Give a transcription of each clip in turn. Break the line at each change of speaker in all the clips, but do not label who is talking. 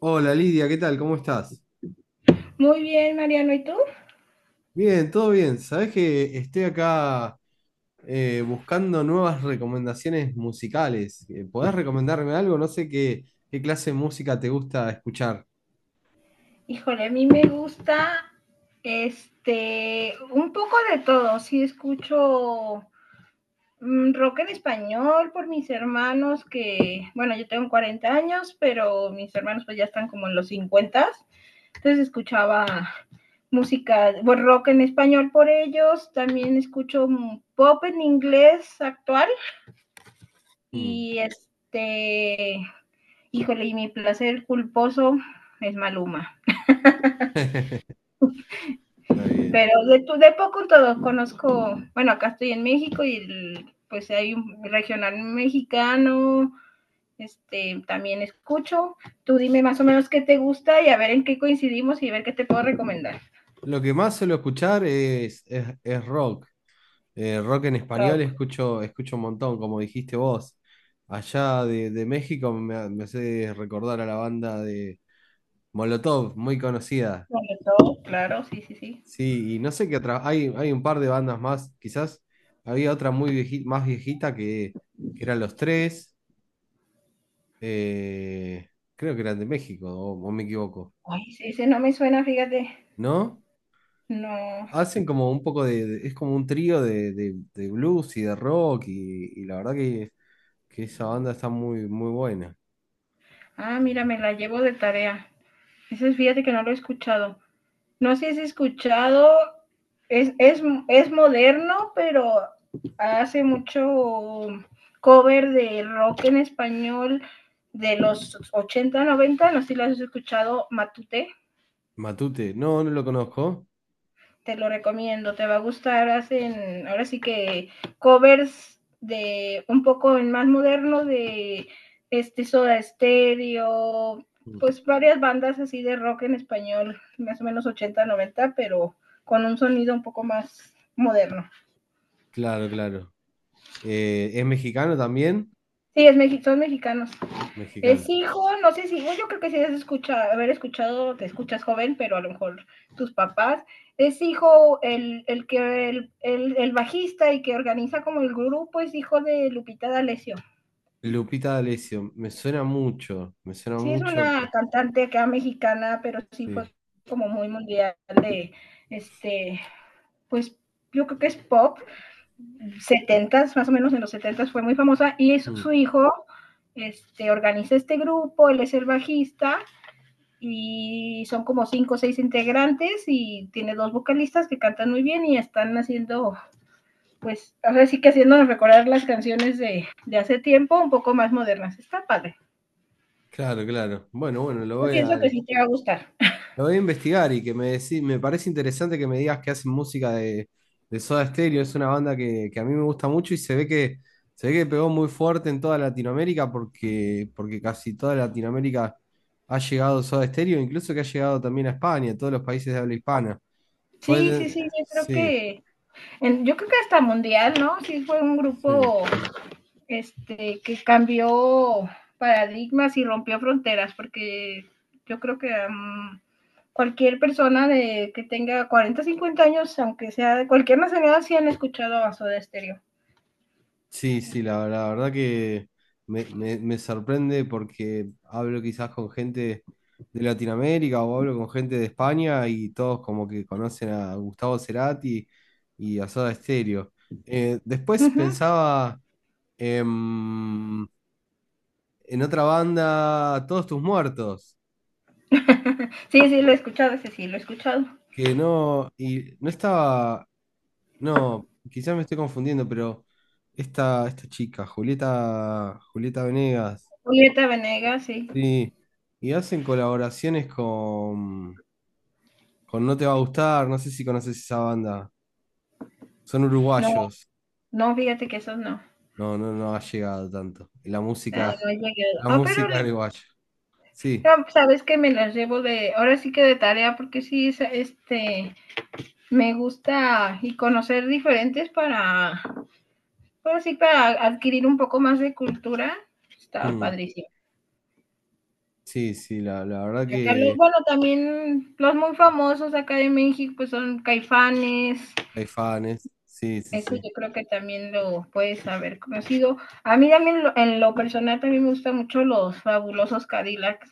Hola Lidia, ¿qué tal? ¿Cómo estás?
Muy bien, Mariano, ¿y tú?
Bien, todo bien. Sabés que estoy acá, buscando nuevas recomendaciones musicales. ¿Podés recomendarme algo? No sé qué, qué clase de música te gusta escuchar.
Híjole, a mí me gusta un poco de todo. Sí escucho rock en español por mis hermanos que, bueno, yo tengo 40 años, pero mis hermanos pues ya están como en los 50. Entonces escuchaba música, bueno, rock en español por ellos. También escucho pop en inglés actual
Mm.
y híjole, y mi placer culposo es Maluma.
Está bien.
Pero de poco todo conozco, bueno, acá estoy en México y pues hay un regional mexicano, también escucho. Tú dime más o menos qué te gusta y a ver en qué coincidimos y a ver qué te puedo recomendar.
Lo que más suelo escuchar es rock. Rock en español
Rock,
escucho un montón, como dijiste vos. Allá de México me hace recordar a la banda de Molotov, muy conocida.
sobre todo, claro, sí, sí, sí.
Sí, y no sé qué otra. Hay un par de bandas más, quizás. Había otra más viejita que eran los tres. eh, creo que eran de México, o me equivoco.
Ay, sí, ese no me suena, fíjate.
¿No?
No.
Hacen como un poco es como un trío de blues y de rock. Y la verdad que esa banda está muy, muy buena.
Ah, mira, me la llevo de tarea. Ese fíjate que no lo he escuchado. No sé si has escuchado, es, es moderno, pero hace mucho cover de rock en español de los 80 90, no sé si lo has escuchado, Matute.
Matute, no, no lo conozco.
Te lo recomiendo, te va a gustar. Hacen, ahora sí que covers de un poco en más moderno de Soda Stereo,
Mm,
pues varias bandas así de rock en español, más o menos 80 90, pero con un sonido un poco más moderno.
claro, claro. ¿Es mexicano también?
Sí, es, son mexicanos. Es
Mexicano.
hijo, no sé si, no, yo creo que sí has escuchado, haber escuchado, te escuchas joven, pero a lo mejor tus papás. Es hijo, el que el bajista y que organiza como el grupo es hijo de Lupita D'Alessio.
Lupita D'Alessio, me suena mucho, me suena
Sí, es
mucho,
una
pero...
cantante acá mexicana, pero sí
Sí.
fue como muy mundial de este, pues yo creo que es pop, 70, más o menos en los 70 fue muy famosa, y es su
Mm,
hijo, organiza este grupo, él es el bajista, y son como cinco o seis integrantes y tiene dos vocalistas que cantan muy bien y están haciendo, pues, ahora sí que haciéndonos recordar las canciones de hace tiempo, un poco más modernas. Está padre.
claro, claro. Bueno, bueno,
Yo pienso que
lo
sí te va a gustar.
voy a investigar. Me parece interesante que me digas que hacen música de Soda Stereo. Es una banda que a mí me gusta mucho y se ve que pegó muy fuerte en toda Latinoamérica porque, porque casi toda Latinoamérica ha llegado Soda Stereo, incluso que ha llegado también a España, a todos los países de habla hispana. Fue
Sí,
de-
sí, sí, yo creo
sí,
que, en- yo creo que hasta mundial, ¿no? Sí fue un
sí.
grupo que cambió paradigmas y rompió fronteras, porque yo creo que cualquier persona de, que tenga 40 50 años, aunque sea de cualquier nacionalidad, sí han escuchado a Soda Stereo.
Sí, sí, la verdad que me sorprende porque hablo quizás con gente de Latinoamérica o hablo con gente de España y todos como que conocen a Gustavo Cerati y a Soda Stereo. Después
Uh -huh.
pensaba em, en otra banda, Todos tus muertos,
Sí, sí, lo he escuchado, ese sí, lo he escuchado.
que no, y no estaba, no, quizás me estoy confundiendo, pero esta chica, Julieta, Julieta Venegas.
Julieta Venegas, sí.
Sí, y hacen colaboraciones con No Te Va a Gustar, no sé si conoces esa banda, son
No,
uruguayos,
no, fíjate que esos no.
no, no, no ha llegado tanto, la
Ah,
música,
no he llegado.
la
Ah, pero
música uruguaya, sí,
no, sabes que me las llevo de, ahora sí que de tarea, porque sí, me gusta y conocer diferentes para. Pero sí, para adquirir un poco más de cultura, estaba
mm,
padrísimo.
sí, sí, la verdad
Acá los,
que
bueno, también los muy famosos acá de México, pues son Caifanes,
hay fans, sí, sí,
eso
sí.
yo creo que también lo puedes haber conocido. A mí también en lo personal también me gustan mucho los fabulosos Cadillacs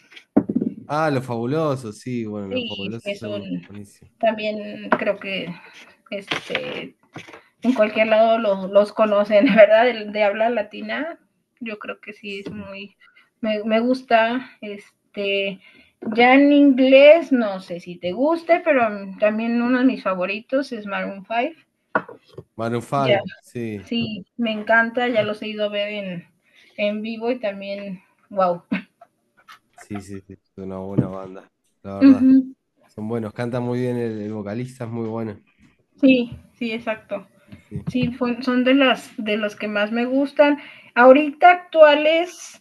Ah, Los Fabulosos, sí, bueno, Los
y sí,
Fabulosos
es
son
un
buenísimos,
también creo que este en cualquier lado los conocen, ¿verdad? De, habla latina, yo creo que sí es
sí.
muy, me gusta, ya en inglés, no sé si te guste, pero también uno de mis favoritos es Maroon 5,
Maroon
ya,
5, sí,
sí, me encanta, ya los he ido a ver en vivo y también, wow.
sí, sí, sí, es una buena banda, la
Uh
verdad,
-huh.
son buenos, cantan muy bien, el vocalista es muy bueno.
Sí, sí, exacto.
Sí. Sí.
Sí, fue, son de las de los que más me gustan. Ahorita actuales,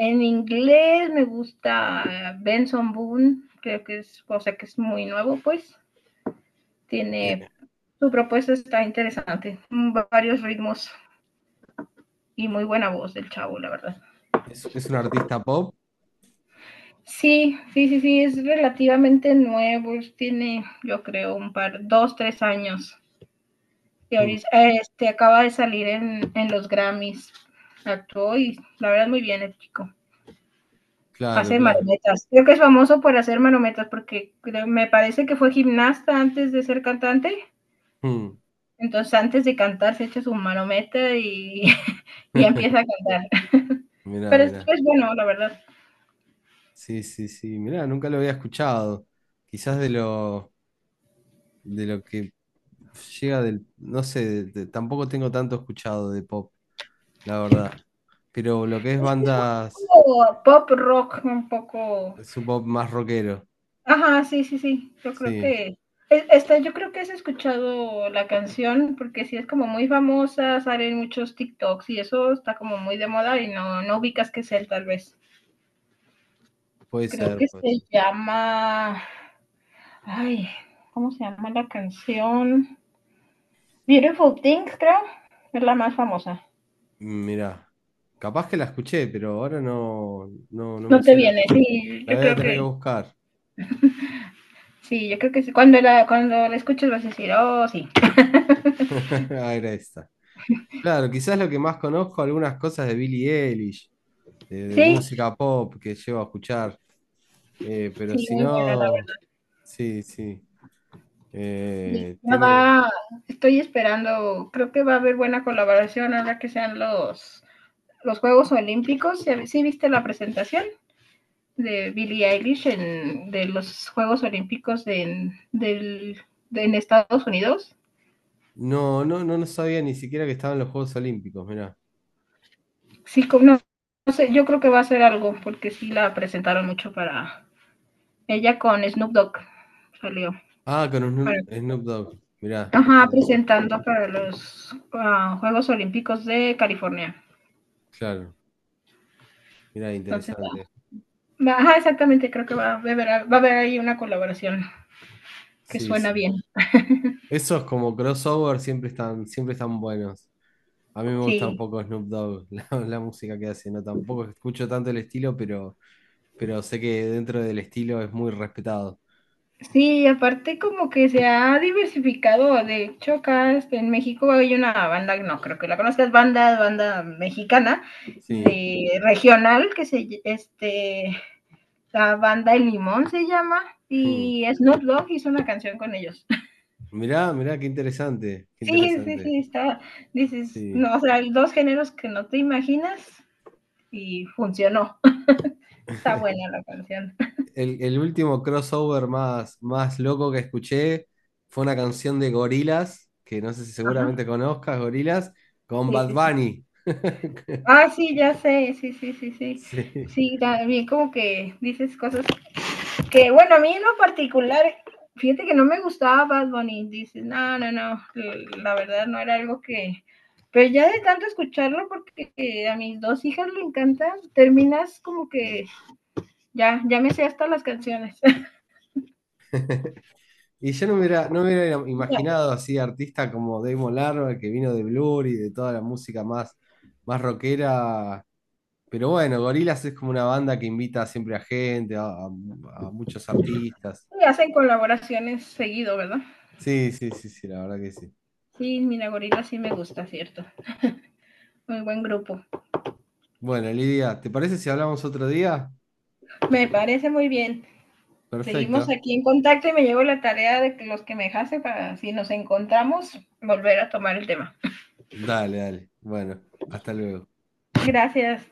en inglés me gusta Benson Boone, creo que es cosa que es muy nuevo, pues tiene
Eh,
su propuesta está interesante, varios ritmos y muy buena voz del chavo, la verdad.
es un artista pop.
Sí, sí, sí, sí, es relativamente nuevo, tiene yo creo un par, 2, 3 años. Y
Mm,
ahorita, acaba de salir en los Grammys, actuó y la verdad muy bien el chico.
claro,
Hace
claro.
marometas. Creo que es famoso por hacer marometas porque creo- me parece que fue gimnasta antes de ser cantante.
Mm,
Entonces, antes de cantar, se echa su marometa y, y empieza a cantar.
mirá,
Pero
mirá.
es bueno, la verdad.
Sí, sí, sí. Mirá, nunca lo había escuchado. Quizás de lo que llega del, no sé, tampoco tengo tanto escuchado de pop, la verdad. Pero lo que es
Es que es un
bandas,
poco pop rock, un poco.
es un pop más rockero.
Ajá, sí, sí, sí. Yo creo
Sí,
que. Es- esta, yo creo que has escuchado la canción porque sí es como muy famosa, salen muchos TikToks y eso está como muy de moda y no, no ubicas qué es él, tal vez.
puede
Creo
ser,
que
puede
se
ser.
llama, ay, ¿cómo se llama la canción? Beautiful Things, creo, es la más famosa.
Mirá, capaz que la escuché, pero ahora no, no, no me
No te
suena.
viene, sí,
La
yo
voy a
creo
tener que
que,
buscar.
sí, yo creo que sí. Cuando la escuches vas a decir, oh, sí.
Ahí esta. Claro, quizás lo que más conozco, algunas cosas de Billie Eilish, de
Sí,
música pop que llevo a escuchar, pero
sí,
si
muy buena, la
no,
verdad.
sí, sí.
Sí, ya
Tiene.
va, estoy esperando, creo que va a haber buena colaboración ahora que sean los, Juegos Olímpicos. ¿Sí viste la presentación de Billie Eilish en, de los Juegos Olímpicos de, en, del, de, en Estados Unidos?
No, no, no, no sabía ni siquiera que estaban los Juegos Olímpicos, mirá.
Sí, no, no sé, yo creo que va a ser algo, porque sí la presentaron mucho para ella con Snoop Dogg salió.
Ah, con
Para,
Snoop Dogg, mirá.
ajá,
Mirá, mirá.
presentando para los Juegos Olímpicos de California.
Claro, mirá,
Entonces, ah,
interesante.
va, ajá, exactamente, creo que va a, haber ahí una colaboración que
Sí,
suena
sí.
bien.
Esos como crossover siempre están buenos. A mí me gusta un
Sí.
poco Snoop Dogg, la música que hace, ¿no? Tampoco escucho tanto el estilo, pero sé que dentro del estilo es muy respetado.
Sí, aparte como que se ha diversificado. De hecho, acá en México hay una banda, no creo que la conozcas, banda mexicana,
Sí.
de regional, que la banda El Limón se llama,
Mm.
y Snoop Dogg hizo una canción con ellos.
Mirá, mirá, qué interesante, qué
Sí, sí,
interesante.
sí, está, dices,
Sí.
no, o sea, hay dos géneros que no te imaginas y funcionó. Está buena la canción.
El último crossover más, más loco que escuché fue una canción de Gorillaz, que no sé si
Ajá,
seguramente conozcas, Gorillaz, con
sí,
Bad
sí, sí.
Bunny.
Ah, sí, ya sé, sí, sí, sí, sí.
Sí.
Sí, también como que dices cosas que, bueno, a mí en lo particular, fíjate que no me gustaba Bad Bunny, dices, no, no, no, la verdad no era algo que, pero ya de tanto escucharlo, porque a mis dos hijas le encantan, terminas como que ya, ya me sé hasta las canciones.
Y yo no me hubiera, no me hubiera
Ya-
imaginado así artista como Damon Albarn, que vino de Blur y de toda la música más, más rockera. Pero bueno, Gorillaz es como una banda que invita siempre a gente, a muchos artistas.
y hacen colaboraciones seguido, ¿verdad?
Sí, sí, sí, sí, la verdad que sí.
Sí, Mina Gorila sí me gusta, cierto. Muy buen grupo.
Bueno, Lidia, ¿te parece si hablamos otro día?
Me parece muy bien. Seguimos
Perfecto.
aquí en contacto y me llevo la tarea de que los que me dejaste para si nos encontramos volver a tomar el tema.
Dale, dale. Bueno, hasta luego.
Gracias.